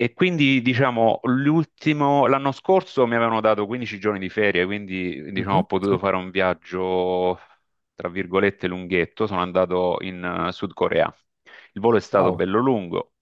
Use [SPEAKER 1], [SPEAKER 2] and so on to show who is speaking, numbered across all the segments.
[SPEAKER 1] E quindi, diciamo, l'anno scorso mi avevano dato 15 giorni di ferie, quindi, diciamo, ho
[SPEAKER 2] Mhm.
[SPEAKER 1] potuto
[SPEAKER 2] Sì.
[SPEAKER 1] fare un viaggio, tra virgolette, lunghetto. Sono andato in Sud Corea. Il volo è stato
[SPEAKER 2] Wow.
[SPEAKER 1] bello lungo.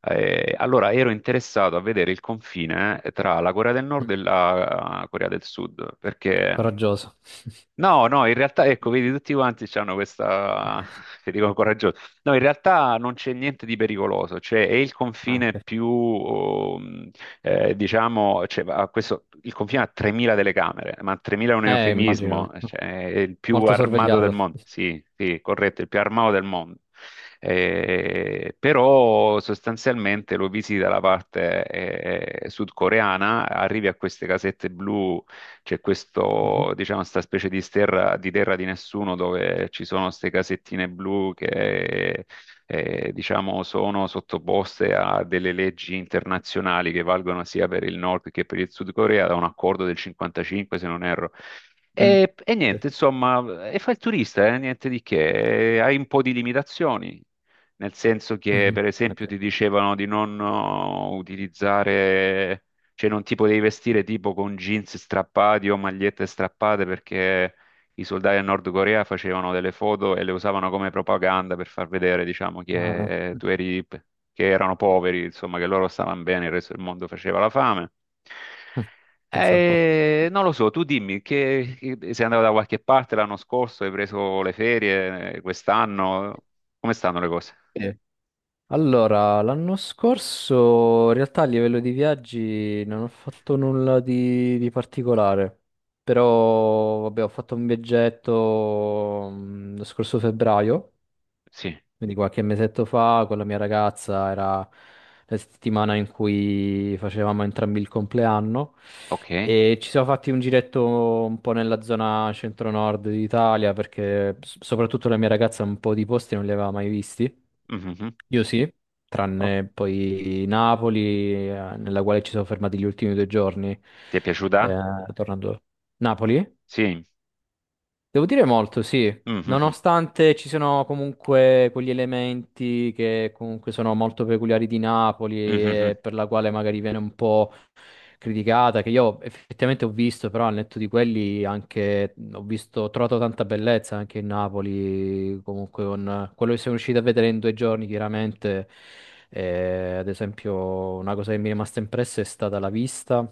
[SPEAKER 1] Allora ero interessato a vedere il confine, tra la Corea del
[SPEAKER 2] Mm.
[SPEAKER 1] Nord e la, Corea del Sud, perché.
[SPEAKER 2] Coraggioso.
[SPEAKER 1] No, no, in realtà, ecco, vedi, tutti quanti hanno questa, che dicono coraggiosa. No, in realtà non c'è niente di pericoloso, cioè è il
[SPEAKER 2] Ah,
[SPEAKER 1] confine
[SPEAKER 2] ok.
[SPEAKER 1] più, diciamo, cioè, questo, il confine ha 3.000 telecamere, ma 3.000 è un
[SPEAKER 2] Immagino,
[SPEAKER 1] eufemismo, cioè è il più
[SPEAKER 2] molto
[SPEAKER 1] armato del
[SPEAKER 2] sorvegliato.
[SPEAKER 1] mondo. Sì, sì, corretto, il più armato del mondo. Però sostanzialmente lo visita la parte sudcoreana, arrivi a queste casette blu. C'è
[SPEAKER 2] Mhm.
[SPEAKER 1] questo, diciamo, questa specie di terra, di terra di nessuno dove ci sono queste casettine blu che, diciamo, sono sottoposte a delle leggi internazionali che valgono sia per il Nord che per il Sud Corea, da un accordo del 55, se non erro.
[SPEAKER 2] Mm.
[SPEAKER 1] E
[SPEAKER 2] Sì.
[SPEAKER 1] niente, insomma, e fa il turista, niente di che. E hai un po' di limitazioni. Nel senso che,
[SPEAKER 2] Mhm.
[SPEAKER 1] per esempio,
[SPEAKER 2] Ok.
[SPEAKER 1] ti dicevano di non utilizzare, cioè non ti potevi vestire tipo con jeans strappati o magliette strappate, perché i soldati del Nord Corea facevano delle foto e le usavano come propaganda per far vedere, diciamo,
[SPEAKER 2] Ah.
[SPEAKER 1] che,
[SPEAKER 2] Mm.
[SPEAKER 1] tu eri, che erano poveri, insomma, che loro stavano bene, il resto del mondo faceva la fame.
[SPEAKER 2] Pensa un po'.
[SPEAKER 1] Non lo so, tu dimmi che, sei andato da qualche parte l'anno scorso, hai preso le ferie, quest'anno, come stanno le cose?
[SPEAKER 2] eh, Allora, l'anno scorso in realtà a livello di viaggi non ho fatto nulla di particolare, però vabbè, ho fatto un viaggetto lo scorso febbraio.
[SPEAKER 1] Sì,
[SPEAKER 2] Quindi qualche mesetto fa con la mia ragazza, era la settimana in cui facevamo entrambi il compleanno
[SPEAKER 1] ok.
[SPEAKER 2] e ci siamo fatti un giretto un po' nella zona centro-nord d'Italia perché soprattutto la mia ragazza un po' di posti non li aveva mai visti.
[SPEAKER 1] Mhm.
[SPEAKER 2] Io sì,
[SPEAKER 1] Oh,
[SPEAKER 2] tranne poi Napoli, nella quale ci siamo fermati gli ultimi 2 giorni,
[SPEAKER 1] ti è
[SPEAKER 2] eh,
[SPEAKER 1] piaciuta?
[SPEAKER 2] tornando. Napoli?
[SPEAKER 1] Sì.
[SPEAKER 2] Devo dire molto, sì.
[SPEAKER 1] Mhm.
[SPEAKER 2] Nonostante ci sono comunque quegli elementi che comunque sono molto peculiari di Napoli
[SPEAKER 1] Mhm.
[SPEAKER 2] e per la quale magari viene un po' criticata, che io effettivamente ho visto, però al netto di quelli anche ho visto, ho trovato tanta bellezza anche in Napoli, comunque con quello che siamo riusciti a vedere in 2 giorni, chiaramente. Ad esempio una cosa che mi è rimasta impressa è stata la vista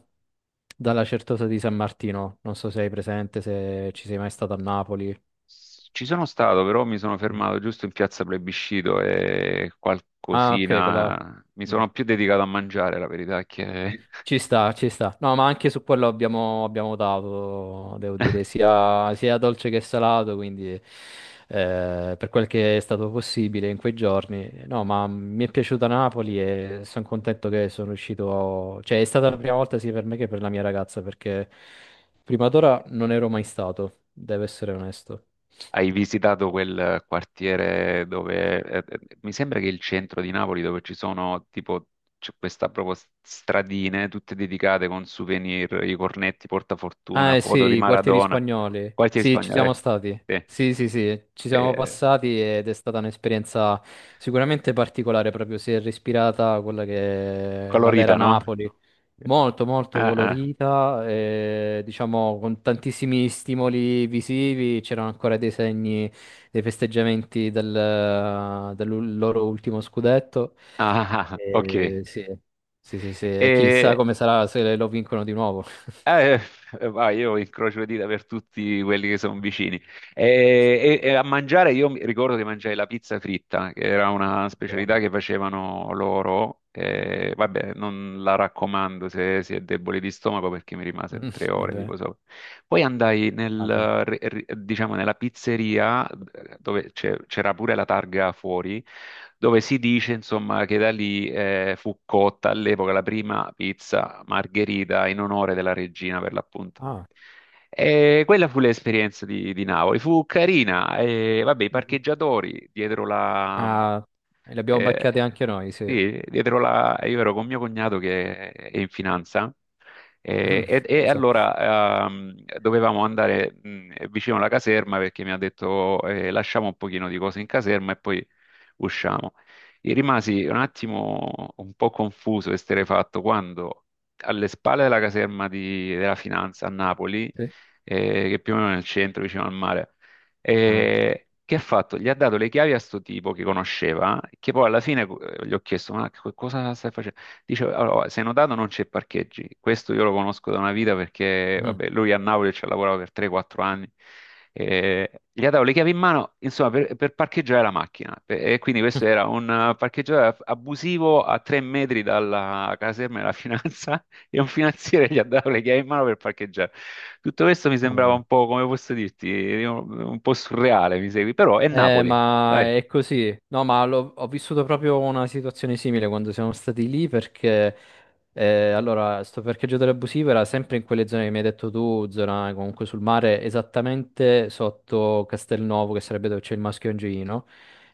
[SPEAKER 2] dalla Certosa di San Martino, non so se hai presente, se ci sei mai stato a Napoli.
[SPEAKER 1] Ci sono stato, però mi sono
[SPEAKER 2] Mm.
[SPEAKER 1] fermato giusto in piazza Plebiscito e
[SPEAKER 2] Ah, ok, quella...
[SPEAKER 1] qualcosina. Mi sono più dedicato a mangiare, la verità è che
[SPEAKER 2] Ci sta, ci sta. No, ma anche su quello abbiamo votato, devo dire, sia dolce che salato, quindi per quel che è stato possibile in quei giorni. No, ma mi è piaciuta Napoli e sono contento che sono riuscito... Cioè, è stata la prima volta sia per me che per la mia ragazza, perché prima d'ora non ero mai stato, devo essere onesto.
[SPEAKER 1] hai visitato quel quartiere dove, mi sembra, che il centro di Napoli dove ci sono tipo, c'è questa proprio, stradine tutte dedicate con souvenir, i cornetti,
[SPEAKER 2] Ah,
[SPEAKER 1] portafortuna,
[SPEAKER 2] eh sì,
[SPEAKER 1] foto di
[SPEAKER 2] i quartieri
[SPEAKER 1] Maradona,
[SPEAKER 2] spagnoli.
[SPEAKER 1] quartiere
[SPEAKER 2] Sì, ci
[SPEAKER 1] spagnolo? Eh,
[SPEAKER 2] siamo stati. Sì, sì, sì, ci
[SPEAKER 1] sì,
[SPEAKER 2] siamo
[SPEAKER 1] eh,
[SPEAKER 2] passati ed è stata un'esperienza sicuramente particolare, proprio si è respirata quella che è la vera
[SPEAKER 1] colorita, no?
[SPEAKER 2] Napoli. Molto, molto
[SPEAKER 1] Ah, ah,
[SPEAKER 2] colorita, diciamo con tantissimi stimoli visivi, c'erano ancora dei segni dei festeggiamenti del loro ultimo scudetto.
[SPEAKER 1] ah, ah, ah, ok.
[SPEAKER 2] Sì, sì, sì, sì, e chissà
[SPEAKER 1] E,
[SPEAKER 2] come sarà se lo vincono di nuovo.
[SPEAKER 1] Eh, ma io incrocio le dita per tutti quelli che sono vicini. E a mangiare, io mi ricordo che mangiai la pizza fritta, che era una specialità
[SPEAKER 2] Buono.
[SPEAKER 1] che facevano loro. E vabbè, non la raccomando se si è deboli di stomaco perché mi rimase
[SPEAKER 2] Mm,
[SPEAKER 1] 3 ore,
[SPEAKER 2] vabbè,
[SPEAKER 1] tipo, so. Poi andai,
[SPEAKER 2] immagino.
[SPEAKER 1] diciamo, nella pizzeria, dove c'era pure la targa fuori, dove si dice insomma che da lì, fu cotta all'epoca la prima pizza margherita in onore della regina, per l'appunto.
[SPEAKER 2] Ah.
[SPEAKER 1] E quella fu l'esperienza di Napoli, fu carina. E vabbè, i
[SPEAKER 2] Mhm.
[SPEAKER 1] parcheggiatori dietro,
[SPEAKER 2] Ah, li abbiamo
[SPEAKER 1] eh,
[SPEAKER 2] beccati anche noi, sì.
[SPEAKER 1] sì, dietro la... Io ero con mio cognato che è in finanza,
[SPEAKER 2] Mm,
[SPEAKER 1] e
[SPEAKER 2] pensa un po',
[SPEAKER 1] allora, dovevamo andare, vicino alla caserma perché mi ha detto, lasciamo un pochino di cose in caserma e poi usciamo. E rimasi un attimo un po' confuso e esterrefatto quando, alle spalle della caserma della finanza a Napoli,
[SPEAKER 2] sì.
[SPEAKER 1] che più o meno è nel centro, vicino al mare,
[SPEAKER 2] Eh.
[SPEAKER 1] e che ha fatto? Gli ha dato le chiavi a sto tipo che conosceva, che poi alla fine, gli ho chiesto, ma cosa stai facendo? Dice, allora, se hai notato non c'è parcheggi, questo io lo conosco da una vita perché,
[SPEAKER 2] Mm.
[SPEAKER 1] vabbè, lui a Napoli ci ha lavorato per 3-4 anni. Gli ha dato le chiavi in mano, insomma, per, parcheggiare la macchina, e quindi questo era un, parcheggiatore abusivo a 3 metri dalla caserma della finanza, e un finanziere gli ha dato le chiavi in mano per parcheggiare. Tutto questo mi sembrava
[SPEAKER 2] Mm.
[SPEAKER 1] un po', come posso dirti, un po' surreale, mi segui, però è Napoli,
[SPEAKER 2] Ma
[SPEAKER 1] dai.
[SPEAKER 2] è così. No, ma ho vissuto proprio una situazione simile quando siamo stati lì perché, allora, sto parcheggio dell'abusivo era sempre in quelle zone che mi hai detto tu, zona comunque sul mare, esattamente sotto Castelnuovo, che sarebbe dove c'è il Maschio Angioino.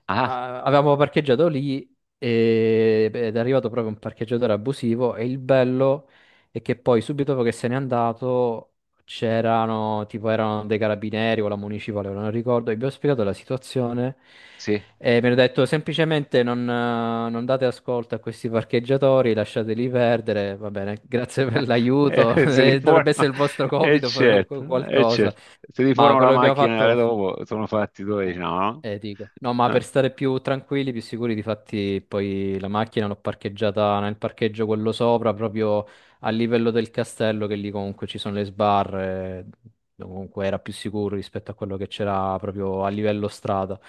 [SPEAKER 1] Ah,
[SPEAKER 2] Ah, avevamo parcheggiato lì ed è arrivato proprio un parcheggiatore abusivo e il bello è che poi subito dopo che se n'è andato c'erano, tipo erano dei carabinieri o la municipale, ora non ricordo, e vi ho spiegato la situazione
[SPEAKER 1] sì,
[SPEAKER 2] e mi hanno detto semplicemente non, non date ascolto a questi parcheggiatori, lasciateli perdere, va bene, grazie per l'aiuto,
[SPEAKER 1] se ti
[SPEAKER 2] dovrebbe
[SPEAKER 1] forma,
[SPEAKER 2] essere il vostro
[SPEAKER 1] e
[SPEAKER 2] compito fare
[SPEAKER 1] certo,
[SPEAKER 2] qualcosa,
[SPEAKER 1] certo. Se ti
[SPEAKER 2] ma
[SPEAKER 1] forma la
[SPEAKER 2] quello che abbiamo
[SPEAKER 1] macchina,
[SPEAKER 2] fatto...
[SPEAKER 1] dopo sono fatti 12,
[SPEAKER 2] Eh,
[SPEAKER 1] no?
[SPEAKER 2] dico. No, ma
[SPEAKER 1] Eh.
[SPEAKER 2] per stare più tranquilli, più sicuri, difatti poi la macchina l'ho parcheggiata nel parcheggio quello sopra, proprio a livello del castello, che lì comunque ci sono le sbarre, dove comunque era più sicuro rispetto a quello che c'era proprio a livello strada.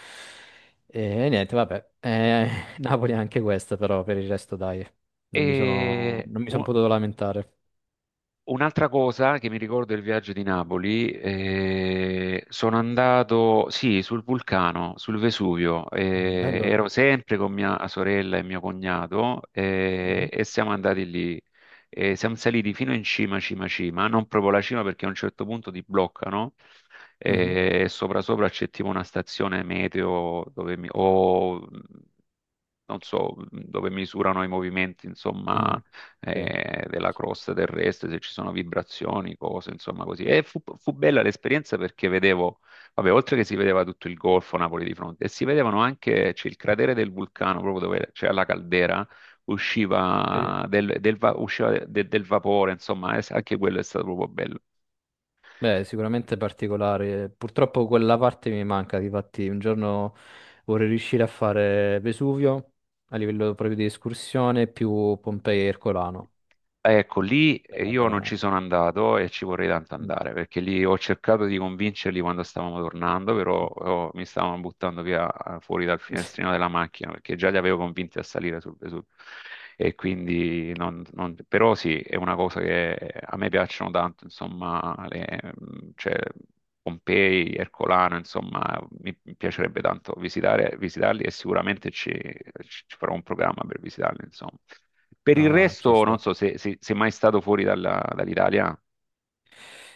[SPEAKER 2] E niente, vabbè, Napoli è anche questa, però per il resto dai, non mi sono,
[SPEAKER 1] E
[SPEAKER 2] non mi sono
[SPEAKER 1] un-
[SPEAKER 2] potuto lamentare.
[SPEAKER 1] Un'altra cosa che mi ricordo del viaggio di Napoli, sono andato, sì, sul vulcano, sul Vesuvio,
[SPEAKER 2] Ah, bello.
[SPEAKER 1] ero sempre con mia sorella e mio cognato,
[SPEAKER 2] Mhm.
[SPEAKER 1] e siamo andati lì. Siamo saliti fino in cima, cima, cima, non proprio la cima perché a un certo punto ti bloccano,
[SPEAKER 2] Mhm.
[SPEAKER 1] e sopra sopra c'è tipo una stazione meteo dove o non so, dove misurano i movimenti,
[SPEAKER 2] Mm.
[SPEAKER 1] insomma,
[SPEAKER 2] Sì,
[SPEAKER 1] della crosta terrestre, se ci sono vibrazioni, cose, insomma, così. E fu bella l'esperienza perché vedevo, vabbè, oltre che si vedeva tutto il Golfo Napoli di fronte, e si vedevano anche, c'è il cratere del vulcano, proprio dove c'è la caldera,
[SPEAKER 2] sì.
[SPEAKER 1] usciva del, del va- usciva de- del vapore, insomma, anche quello è stato proprio bello.
[SPEAKER 2] Beh, sicuramente particolare. Purtroppo quella parte mi manca, difatti un giorno vorrei riuscire a fare Vesuvio a livello proprio di escursione più Pompei e Ercolano.
[SPEAKER 1] Ecco, lì,
[SPEAKER 2] È una
[SPEAKER 1] io non
[SPEAKER 2] bella-
[SPEAKER 1] ci sono andato e ci vorrei tanto
[SPEAKER 2] Mm.
[SPEAKER 1] andare, perché lì ho cercato di convincerli quando stavamo tornando, però mi stavano buttando via, fuori dal finestrino della macchina, perché già li avevo convinti a salire sul Vesuvio. E quindi, però sì, è una cosa che a me piacciono tanto, insomma, le, cioè, Pompei, Ercolano, insomma, mi piacerebbe tanto visitare, visitarli, e sicuramente ci farò un programma per visitarli, insomma. Per
[SPEAKER 2] No,
[SPEAKER 1] il
[SPEAKER 2] no, ci
[SPEAKER 1] resto, non
[SPEAKER 2] sta.
[SPEAKER 1] so sei mai stato fuori dall'Italia.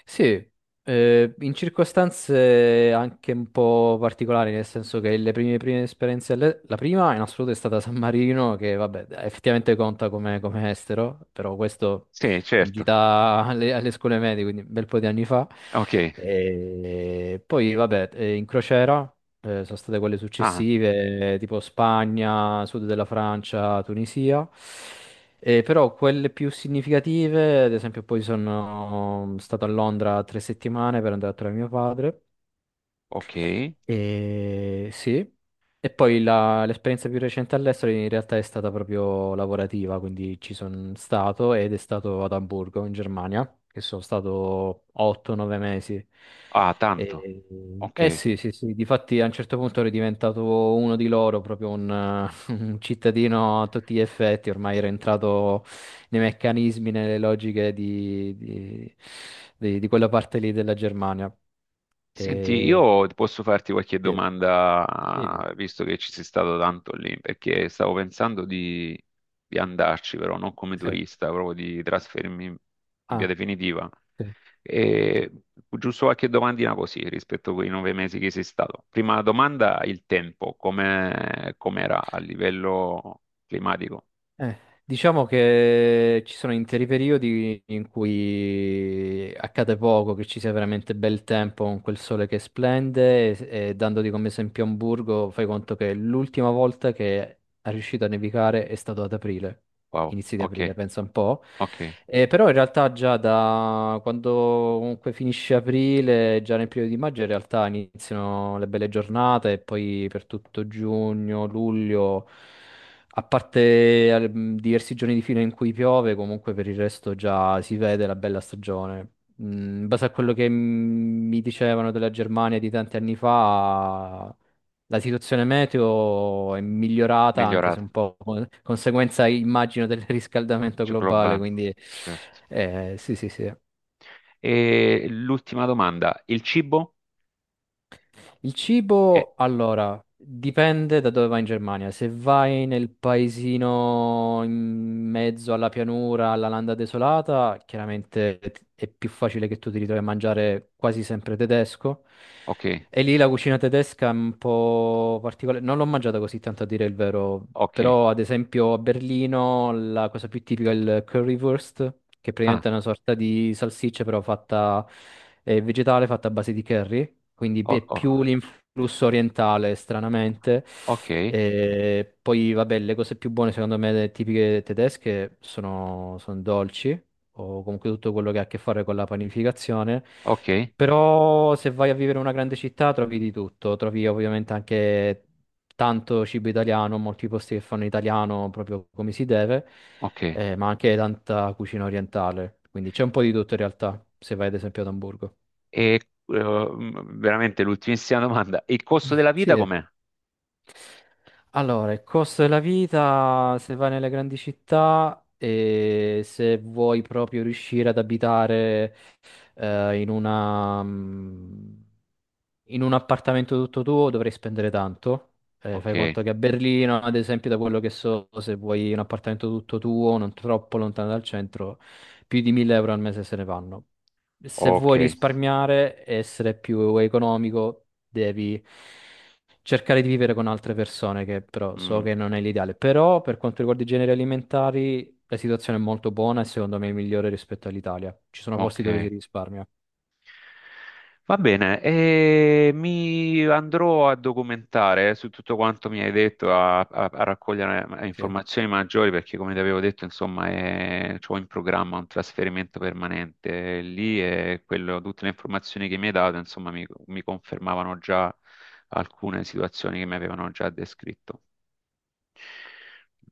[SPEAKER 2] Sì, in circostanze anche un po' particolari, nel senso che le prime esperienze, la prima in assoluto è stata San Marino, che vabbè, effettivamente conta come, come estero, però questo
[SPEAKER 1] Sì,
[SPEAKER 2] in
[SPEAKER 1] certo.
[SPEAKER 2] gita alle scuole medie, quindi un bel po' di anni fa.
[SPEAKER 1] Ok.
[SPEAKER 2] E poi vabbè, in crociera, sono state quelle
[SPEAKER 1] Ah,
[SPEAKER 2] successive, tipo Spagna, sud della Francia, Tunisia. Però quelle più significative, ad esempio, poi sono stato a Londra 3 settimane per andare a trovare mio padre.
[SPEAKER 1] ok.
[SPEAKER 2] E sì, e poi l'esperienza più recente all'estero in realtà è stata proprio lavorativa, quindi ci sono stato ed è stato ad Amburgo in Germania, che sono stato 8-9 mesi.
[SPEAKER 1] Ah, tanto.
[SPEAKER 2] E,
[SPEAKER 1] Ok.
[SPEAKER 2] eh sì, sì, sì, difatti a un certo punto ero diventato uno di loro, proprio un, un cittadino a tutti gli effetti, ormai ero entrato nei meccanismi, nelle logiche di quella parte lì della Germania.
[SPEAKER 1] Senti,
[SPEAKER 2] E...
[SPEAKER 1] io posso farti qualche
[SPEAKER 2] Sì, dimmi.
[SPEAKER 1] domanda, visto che ci sei stato tanto lì, perché stavo pensando di andarci, però non come
[SPEAKER 2] Sì.
[SPEAKER 1] turista, proprio di trasferirmi in via
[SPEAKER 2] Ah,
[SPEAKER 1] definitiva.
[SPEAKER 2] sì.
[SPEAKER 1] E giusto qualche domandina così rispetto a quei 9 mesi che sei stato. Prima domanda, il tempo, come com'era a livello climatico?
[SPEAKER 2] Eh, diciamo che ci sono interi periodi in cui accade poco, che ci sia veramente bel tempo con quel sole che splende e dandoti come esempio Amburgo, fai conto che l'ultima volta che è riuscito a nevicare è stato ad aprile,
[SPEAKER 1] Wow,
[SPEAKER 2] inizi di
[SPEAKER 1] ok,
[SPEAKER 2] aprile, pensa un po'.
[SPEAKER 1] ok,
[SPEAKER 2] Però in realtà già da quando comunque finisce aprile, già nel periodo di maggio, in realtà iniziano le belle giornate e poi per tutto giugno, luglio. A parte diversi giorni di fila in cui piove, comunque per il resto già si vede la bella stagione. Mm, in base a quello che mi dicevano della Germania di tanti anni fa, la situazione meteo è migliorata, anche se
[SPEAKER 1] migliorata,
[SPEAKER 2] un po' conseguenza, immagino, del riscaldamento
[SPEAKER 1] c'è
[SPEAKER 2] globale.
[SPEAKER 1] globale,
[SPEAKER 2] Quindi,
[SPEAKER 1] certo.
[SPEAKER 2] sì, sì, sì.
[SPEAKER 1] E l'ultima domanda, il cibo?
[SPEAKER 2] Il
[SPEAKER 1] Eh,
[SPEAKER 2] cibo, allora, dipende da dove vai in Germania. Se vai nel paesino in mezzo alla pianura, alla landa desolata, chiaramente è più facile che tu ti ritrovi a mangiare quasi sempre tedesco.
[SPEAKER 1] ok,
[SPEAKER 2] E lì la cucina tedesca è un po' particolare, non l'ho mangiata così tanto a dire il vero,
[SPEAKER 1] ok,
[SPEAKER 2] però ad esempio a Berlino la cosa più tipica è il currywurst, che
[SPEAKER 1] ah,
[SPEAKER 2] praticamente è una sorta di salsiccia però fatta vegetale, fatta a base di curry, quindi
[SPEAKER 1] o-
[SPEAKER 2] è
[SPEAKER 1] o-
[SPEAKER 2] più l'influsso orientale stranamente.
[SPEAKER 1] ok,
[SPEAKER 2] E poi vabbè, le cose più buone secondo me tipiche tedesche sono, sono dolci o comunque tutto quello che ha a che fare con la panificazione.
[SPEAKER 1] ok,
[SPEAKER 2] Però se vai a vivere in una grande città trovi di tutto, trovi ovviamente anche tanto cibo italiano, molti posti che fanno italiano proprio come si deve,
[SPEAKER 1] ok. E,
[SPEAKER 2] ma anche tanta cucina orientale, quindi c'è un po' di tutto in realtà, se vai ad esempio ad Amburgo.
[SPEAKER 1] eh, veramente l'ultimissima domanda, il costo della vita
[SPEAKER 2] Sì,
[SPEAKER 1] com'è?
[SPEAKER 2] allora, il costo della vita, se vai nelle grandi città e se vuoi proprio riuscire ad abitare in una, mm, in un appartamento tutto tuo, dovrei spendere tanto. Fai
[SPEAKER 1] Ok,
[SPEAKER 2] conto che a Berlino, ad esempio, da quello che so, se vuoi un appartamento tutto tuo, non troppo lontano dal centro, più di 1000 euro al mese se ne vanno. Se
[SPEAKER 1] ok.
[SPEAKER 2] vuoi risparmiare e essere più economico, devi cercare di vivere con altre persone, che però so
[SPEAKER 1] Mm,
[SPEAKER 2] che non è l'ideale. Però per quanto riguarda i generi alimentari, la situazione è molto buona e secondo me è migliore rispetto all'Italia. Ci sono posti dove si
[SPEAKER 1] ok,
[SPEAKER 2] risparmia.
[SPEAKER 1] va bene, e mi andrò a documentare su tutto quanto mi hai detto, a, a raccogliere,
[SPEAKER 2] Sì.
[SPEAKER 1] informazioni maggiori, perché come ti avevo detto, insomma, ho in programma un trasferimento permanente lì, e tutte le informazioni che mi hai dato, insomma, mi confermavano già alcune situazioni che mi avevano già descritto.